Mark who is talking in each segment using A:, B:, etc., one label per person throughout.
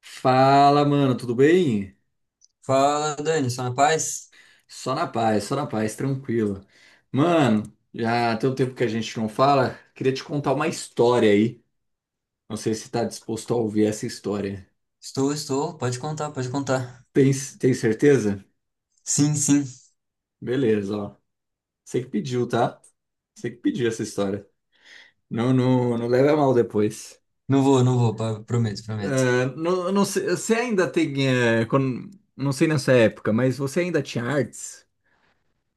A: Fala, mano, tudo bem?
B: Fala, Dani, só na paz?
A: Só na paz, tranquilo. Mano, já tem um tempo que a gente não fala, queria te contar uma história aí. Não sei se tá disposto a ouvir essa história.
B: Estou, estou. Pode contar, pode contar.
A: Tem, tem certeza?
B: Sim, sim.
A: Beleza, ó. Você que pediu, tá? Você que pediu essa história. Não, não, não leva a mal depois.
B: Não vou, não vou. Pa- Prometo, prometo.
A: Ah, não, não sei, você ainda tem, não sei nessa época, mas você ainda tinha artes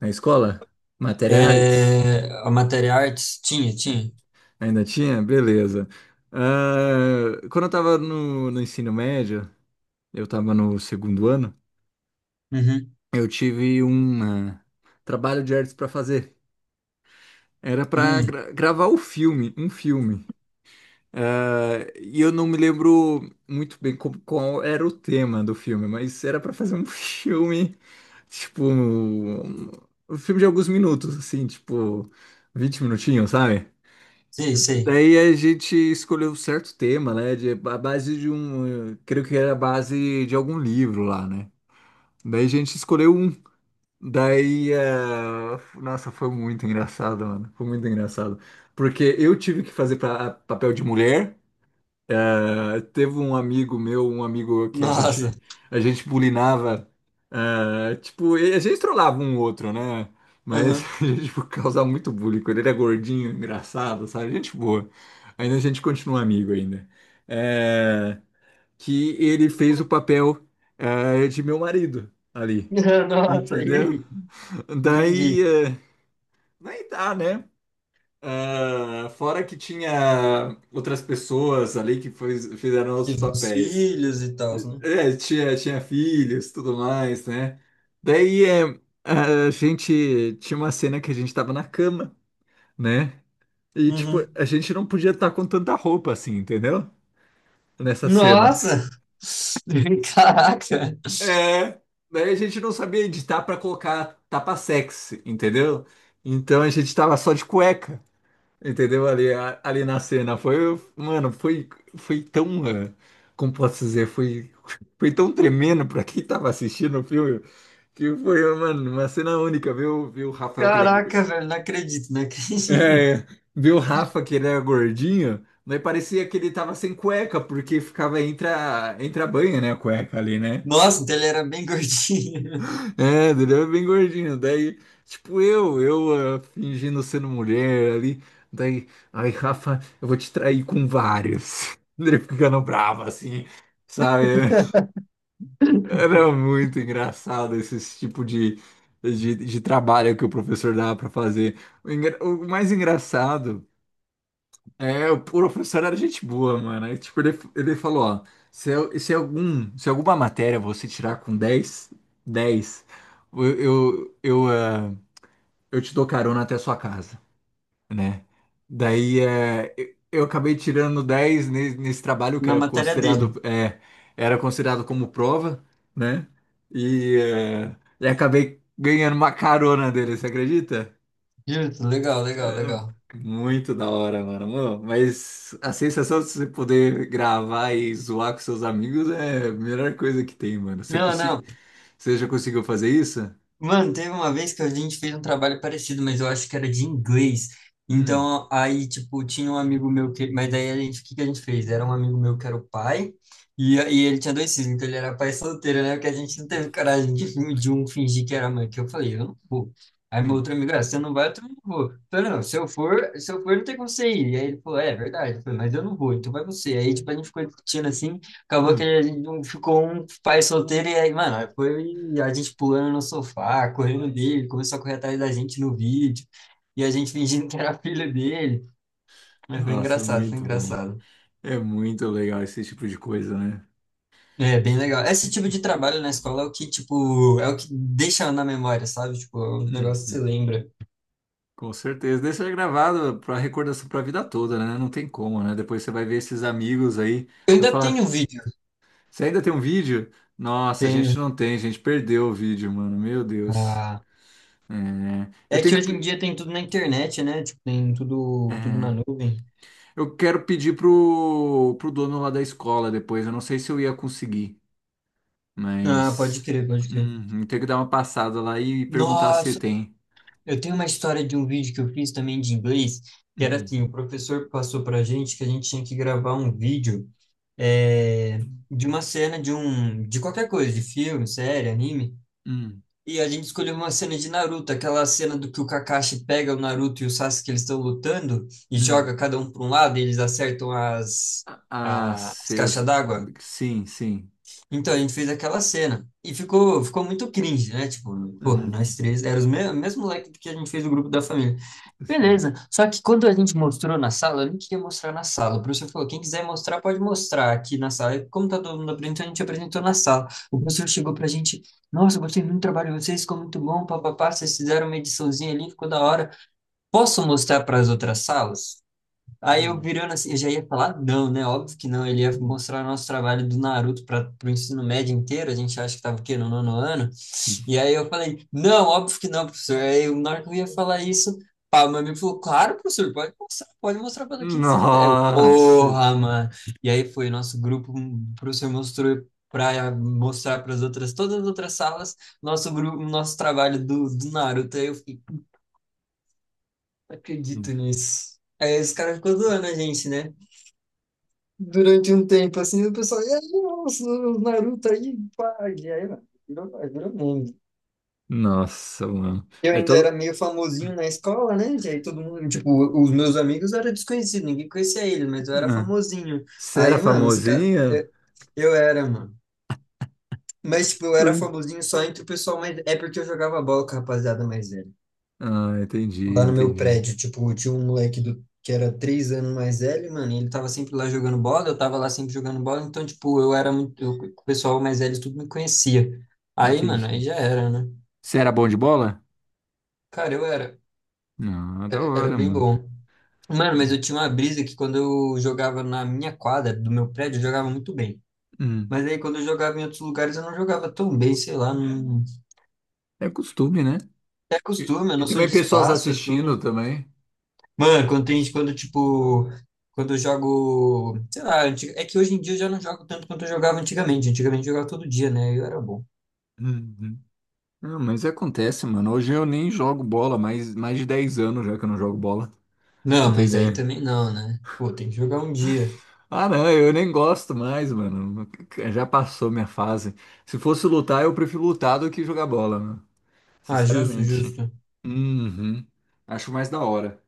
A: na escola? Matéria artes?
B: É, a matéria artes? Tinha, tinha.
A: Ainda tinha? Beleza. Ah, quando eu tava no ensino médio, eu tava no segundo ano,
B: Uhum.
A: eu tive um trabalho de artes pra fazer. Era pra
B: Hum,
A: gravar o filme, um filme. Ah, e eu não me lembro muito bem qual era o tema do filme, mas era pra fazer um filme, tipo, um filme de alguns minutos, assim, tipo, 20 minutinhos, sabe?
B: sei, sei.
A: Daí a gente escolheu um certo tema, né? A base de um. Creio que era a base de algum livro lá, né? Daí a gente escolheu um. Daí. Nossa, foi muito engraçado, mano. Foi muito engraçado. Porque eu tive que fazer pra, papel de mulher. Ah, teve um amigo meu, um amigo que a
B: Nossa.
A: gente a gente bulinava, tipo, e a gente trollava um outro, né? Mas
B: Aham.
A: a gente tipo, causava muito bullying. Com Ele era gordinho, engraçado, sabe? Gente boa. Ainda a gente continua amigo ainda. É, que ele fez o papel, de meu marido ali,
B: Nossa, e
A: entendeu?
B: aí?
A: Daí,
B: Entendi.
A: eh, daí dá, né? Ah, fora que tinha outras pessoas ali que fizeram os
B: Fiz meus
A: papéis.
B: filhos e tal, né?
A: É, tinha filhos, tudo mais, né? Daí é, a gente tinha uma cena que a gente tava na cama, né? E tipo,
B: Uhum.
A: a gente não podia estar com tanta roupa assim, entendeu? Nessa cena.
B: Nossa! Caraca!
A: É, daí a gente não sabia editar pra colocar tapa sexy, entendeu? Então a gente tava só de cueca. Entendeu? Ali, ali na cena. Foi, mano, foi tão. Como posso dizer? Foi tão tremendo pra quem tava assistindo o filme. Que foi, mano, uma cena única. Viu o Rafael que ele é.
B: Caraca, velho, não acredito, não acredito.
A: É, viu o Rafa que ele era gordinho. Mas parecia que ele tava sem cueca, porque ficava entre a banha, né? A cueca ali, né?
B: Nossa, então ele era bem gordinho.
A: É, ele era bem gordinho. Daí, tipo, eu fingindo sendo mulher ali. Daí, ai, Rafa, eu vou te trair com vários. Ele ficando bravo assim, sabe? Era muito engraçado esse tipo de trabalho que o professor dava pra fazer. O mais engraçado é o professor era gente boa, mano. Aí, tipo, ele falou: ó, se alguma matéria você tirar com dez. Eu, eu, eu, ah, eu te dou carona até a sua casa, né? Daí é, eu acabei tirando 10 nesse trabalho que
B: Na
A: era
B: matéria
A: considerado,
B: dele.
A: é, era considerado como prova, né? E acabei ganhando uma carona dele, você acredita?
B: Justo, legal, legal, legal.
A: É, muito da hora, Mano, mas a sensação de você poder gravar e zoar com seus amigos é a melhor coisa que tem, mano. Você,
B: Não,
A: consi-
B: não.
A: você já conseguiu fazer isso?
B: Mano, teve uma vez que a gente fez um trabalho parecido, mas eu acho que era de inglês.
A: Hum,
B: Então, aí, tipo, tinha um amigo meu que. Mas daí a gente, o que que a gente fez? Era um amigo meu que era o pai, e, ele tinha dois filhos, então ele era pai solteiro, né? Porque a gente não teve coragem de um fingir que era mãe, que eu falei, eu não vou. Aí meu
A: hum,
B: outro amigo, ah, você não vai, eu também não vou. Eu falei, não, se eu for, não tem como você ir. E aí ele falou, é, é verdade. Eu falei, mas eu não vou, então vai você. Aí, tipo, a gente ficou discutindo assim. Acabou que
A: hum.
B: a gente não ficou um pai solteiro e aí, mano, aí foi a gente pulando no sofá, correndo dele, começou a correr atrás da gente no vídeo, e a gente fingindo que era filho dele. Mas foi
A: Nossa,
B: engraçado, foi
A: muito bom.
B: engraçado.
A: É muito legal esse tipo de coisa, né?
B: É, bem legal. Esse tipo de trabalho na escola é o que, tipo, é o que deixa na memória, sabe? Tipo, é um negócio que você
A: Hum,
B: lembra.
A: com certeza. Deixa gravado para recordação para a vida toda, né? Não tem como, né? Depois você vai ver esses amigos aí,
B: Eu
A: vai
B: ainda tenho
A: falar,
B: vídeo.
A: você ainda tem um vídeo? Nossa, a
B: Tenho.
A: gente não tem, a gente perdeu o vídeo, mano. Meu Deus.
B: Ah,
A: É, eu
B: é
A: tenho
B: que
A: que
B: hoje em dia tem tudo na internet, né? Tipo, tem tudo, tudo na
A: é,
B: nuvem.
A: eu quero pedir pro dono lá da escola depois. Eu não sei se eu ia conseguir,
B: Ah, pode
A: mas
B: crer, pode crer.
A: tenho que dar uma passada lá e perguntar se
B: Nossa,
A: tem.
B: eu tenho uma história de um vídeo que eu fiz também de inglês, que era
A: Hum,
B: assim, o professor passou pra gente que a gente tinha que gravar um vídeo eh, de uma cena de um, de qualquer coisa, de filme, série, anime,
A: hum,
B: e a gente escolheu uma cena de Naruto, aquela cena do que o Kakashi pega o Naruto e o Sasuke, eles estão lutando, e
A: hum.
B: joga cada um para um lado, e eles acertam
A: Ah,
B: as caixas
A: seus.
B: d'água.
A: Sim, sim.
B: Então, a gente fez aquela cena, e ficou, ficou muito cringe, né? Tipo, porra,
A: Uhum,
B: nós três, era o mesmo moleque que a gente fez o grupo da família.
A: sei.
B: Beleza. Só que quando a gente mostrou na sala, eu nem queria mostrar na sala. O professor falou: quem quiser mostrar, pode mostrar aqui na sala. E como tá todo mundo apresentando, a gente apresentou na sala. O professor chegou pra gente: nossa, eu gostei muito do trabalho de vocês, ficou muito bom, papapá. Vocês fizeram uma ediçãozinha ali, ficou da hora. Posso mostrar para as outras salas? Aí eu
A: Hum,
B: virando assim, eu já ia falar, não, né? Óbvio que não. Ele ia
A: hum.
B: mostrar o nosso trabalho do Naruto para o ensino médio inteiro. A gente acha que estava o quê? No nono ano. E aí eu falei, não, óbvio que não, professor. Aí na hora que eu ia falar isso, pá, o meu amigo falou, claro, professor, pode mostrar para quem você quiser. Eu,
A: Nossa!
B: porra, mano. E aí foi nosso grupo, o professor mostrou para mostrar para as outras, todas as outras salas, nosso grupo, nosso trabalho do, do Naruto. Aí eu fiquei, não
A: Hum.
B: acredito nisso. Aí os caras ficam zoando a gente, né? Durante um tempo, assim, o pessoal, e aí, nossa, o Naruto aí, pá, e aí, mano, virou, aí virou meme.
A: Nossa, mano.
B: Eu
A: É
B: ainda era
A: todo...
B: meio famosinho na escola, né? E aí todo mundo, tipo, os meus amigos eram desconhecidos, ninguém conhecia eles, mas eu era
A: Ah,
B: famosinho.
A: você era
B: Aí, mano, os caras,
A: famosinha?
B: eu era, mano. Mas, tipo, eu era
A: Ui.
B: famosinho só entre o pessoal, mas é porque eu jogava bola com a rapaziada mais velha.
A: Ah, entendi,
B: Lá no meu
A: entendi.
B: prédio, tipo, tinha um moleque do, que era 3 anos mais velho, mano, e ele tava sempre lá jogando bola, eu tava lá sempre jogando bola, então, tipo, eu era muito, eu- o pessoal mais velho tudo me conhecia. Aí, mano, aí
A: Entendi.
B: já era, né?
A: Você era bom de bola?
B: Cara,
A: Não, da
B: era
A: hora,
B: bem
A: mano.
B: bom. Mano, mas
A: Hum.
B: eu tinha uma brisa que quando eu jogava na minha quadra do meu prédio, eu jogava muito bem.
A: Hum.
B: Mas aí quando eu jogava em outros lugares, eu não jogava tão bem, sei lá, não...
A: É costume, né?
B: É
A: E,
B: costume, é
A: e
B: noção
A: também
B: de
A: pessoas
B: espaço, é
A: assistindo
B: tudo.
A: também.
B: Mano, quando tem, quando tipo, quando eu jogo, sei lá, é que hoje em dia eu já não jogo tanto quanto eu jogava antigamente. Antigamente eu jogava todo dia, né? Eu era bom.
A: Uhum. Não, mas acontece, mano. Hoje eu nem jogo bola, mas mais de 10 anos já que eu não jogo bola. Pra
B: Não,
A: Você tem
B: mas aí
A: ideia?
B: também não, né? Pô, tem que jogar um dia.
A: Ah, não, eu nem gosto mais, mano. Já passou minha fase. Se fosse lutar, eu prefiro lutar do que jogar bola, mano.
B: Ah, justo,
A: Sinceramente.
B: justo.
A: Uhum. Acho mais da hora,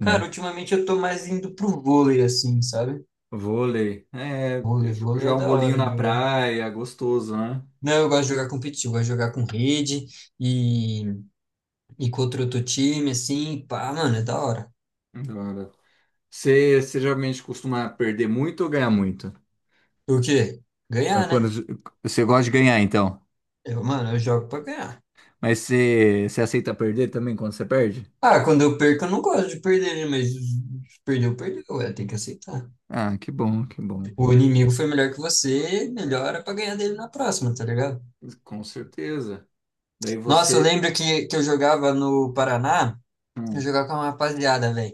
B: Cara, ultimamente eu tô mais indo pro vôlei, assim, sabe?
A: Vôlei. É,
B: Vôlei, vôlei é
A: jogar um
B: da
A: bolinho
B: hora de
A: na
B: jogar.
A: praia, gostoso, né?
B: Não, eu gosto de jogar competitivo, eu gosto de jogar com rede e, e contra outro time, assim, pá, mano, é da hora.
A: Da hora. Você geralmente costuma perder muito ou ganhar muito?
B: O quê?
A: É,
B: Ganhar, né?
A: quando você gosta de ganhar, então.
B: Eu, mano, eu jogo pra ganhar.
A: Mas você aceita perder também quando você perde?
B: Ah, quando eu perco, eu não gosto de perder, né? Mas perdeu, perdeu. É, tem que aceitar.
A: Ah, que bom, que bom.
B: Tipo, o inimigo foi melhor que você, melhora pra ganhar dele na próxima, tá ligado?
A: Com certeza. Daí
B: Nossa, eu
A: você.
B: lembro que eu jogava no Paraná, eu
A: Hum.
B: jogava com uma rapaziada, velho.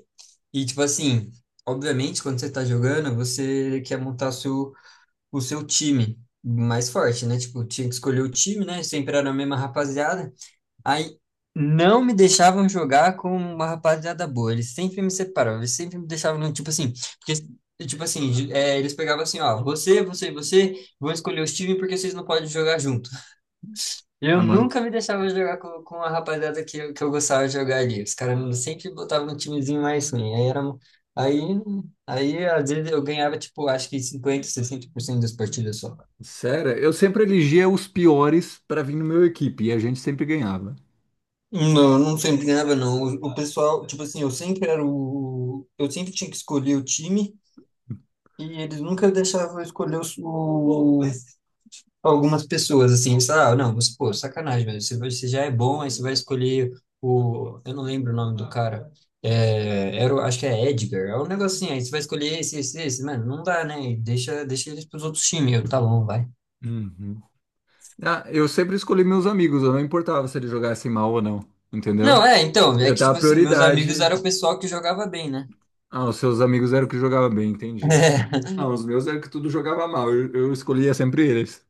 B: E, tipo assim, obviamente, quando você tá jogando, você quer montar o seu time mais forte, né? Tipo, tinha que escolher o time, né? Sempre era a mesma rapaziada. Aí não me deixavam jogar com uma rapaziada boa. Eles sempre me separavam, eles sempre me deixavam, tipo assim, porque, tipo assim, é, eles pegavam assim, ó, você, você e você vão escolher os times porque vocês não podem jogar junto. Eu
A: Ah, mano,
B: nunca me deixava jogar com a rapaziada que, que eu gostava de jogar ali. Os caras sempre botavam no timezinho mais ruim. Aí, aí às vezes eu ganhava, tipo, acho que 50, 60% das partidas só.
A: sério, eu sempre elegia os piores pra vir no meu equipe e a gente sempre ganhava.
B: Não, eu não sempre ganhava, não. O pessoal, tipo assim, eu sempre era o. Eu sempre tinha que escolher o time e eles nunca deixavam eu escolher o, algumas pessoas, assim. Eles falavam, "Ah, não, você, pô, sacanagem, velho. Você, você já é bom, aí você vai escolher o. Eu não lembro o nome do cara. É, era, acho que é Edgar. É um negocinho aí. Você vai escolher esse, esse, esse. Mano, não dá, né? Deixa, deixa eles pros outros times. Eu, tá bom, vai.
A: Uhum. Ah, eu sempre escolhi meus amigos, eu não importava se eles jogassem mal ou não,
B: Não,
A: entendeu?
B: é, então, é
A: Eu
B: que, tipo
A: dava
B: assim, meus amigos
A: prioridade.
B: eram o pessoal que jogava bem, né?
A: Ah, os seus amigos eram que jogavam bem, entendi. Ah, os meus eram que tudo jogava mal, eu escolhia sempre eles.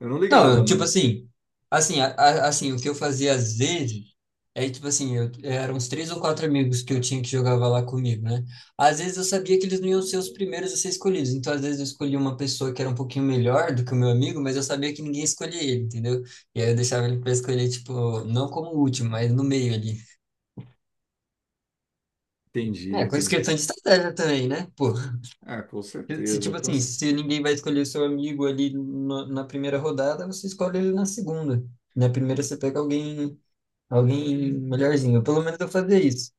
A: Eu não
B: Não,
A: ligava,
B: eu, tipo
A: mano.
B: assim, assim, o que eu fazia às vezes é, tipo assim, eu, eram uns três ou quatro amigos que eu tinha que jogava lá comigo, né? Às vezes eu sabia que eles não iam ser os primeiros a ser escolhidos, então às vezes eu escolhia uma pessoa que era um pouquinho melhor do que o meu amigo, mas eu sabia que ninguém escolhia ele, entendeu? E aí eu deixava ele pra escolher, tipo, não como o último, mas no meio ali.
A: Entendi,
B: É, com
A: entendi.
B: questão de estratégia também, né? Pô,
A: Ah, com
B: se se,
A: certeza.
B: tipo assim, se ninguém vai escolher o seu amigo ali na primeira rodada, você escolhe ele na segunda. Na primeira você pega alguém. Alguém melhorzinho. Pelo menos eu fazia isso.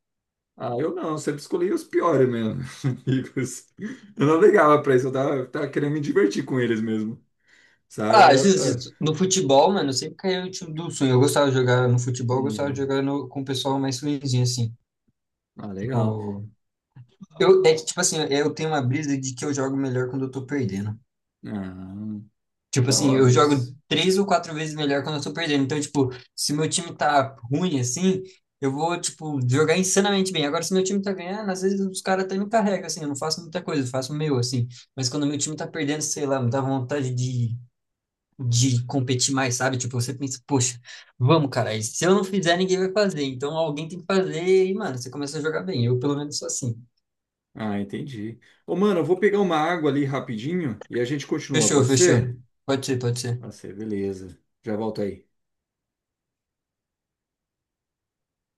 A: Ah, eu não, sempre escolhi os piores mesmo, amigos. Eu não ligava pra isso, eu tava querendo me divertir com eles mesmo, sabe?
B: Ah,
A: Era.
B: justo,
A: Ah,
B: justo. No futebol, mano, eu sempre caía no time do sonho. Eu gostava de jogar no futebol, eu gostava de
A: hum,
B: jogar com o pessoal mais ruinzinho, assim.
A: ah, legal.
B: Tipo, eu, é que, tipo assim, eu tenho uma brisa de que eu jogo melhor quando eu tô perdendo.
A: Ah,
B: Tipo
A: da
B: assim, eu
A: hora isso.
B: jogo três ou quatro vezes melhor quando eu tô perdendo. Então, tipo, se meu time tá ruim, assim, eu vou, tipo, jogar insanamente bem. Agora, se meu time tá ganhando, às vezes os caras até me carregam, assim, eu não faço muita coisa, eu faço o meu, assim. Mas quando meu time tá perdendo, sei lá, me dá vontade de competir mais, sabe? Tipo, você pensa, poxa, vamos, cara, e se eu não fizer, ninguém vai fazer, então alguém tem que fazer, e, mano, você começa a jogar bem. Eu, pelo menos, sou assim.
A: Ah, entendi. Ô, mano, eu vou pegar uma água ali rapidinho e a gente continua,
B: Fechou,
A: pode
B: fechou.
A: ser?
B: Pode ser, pode
A: Pode
B: ser.
A: ser, beleza. Já volto aí.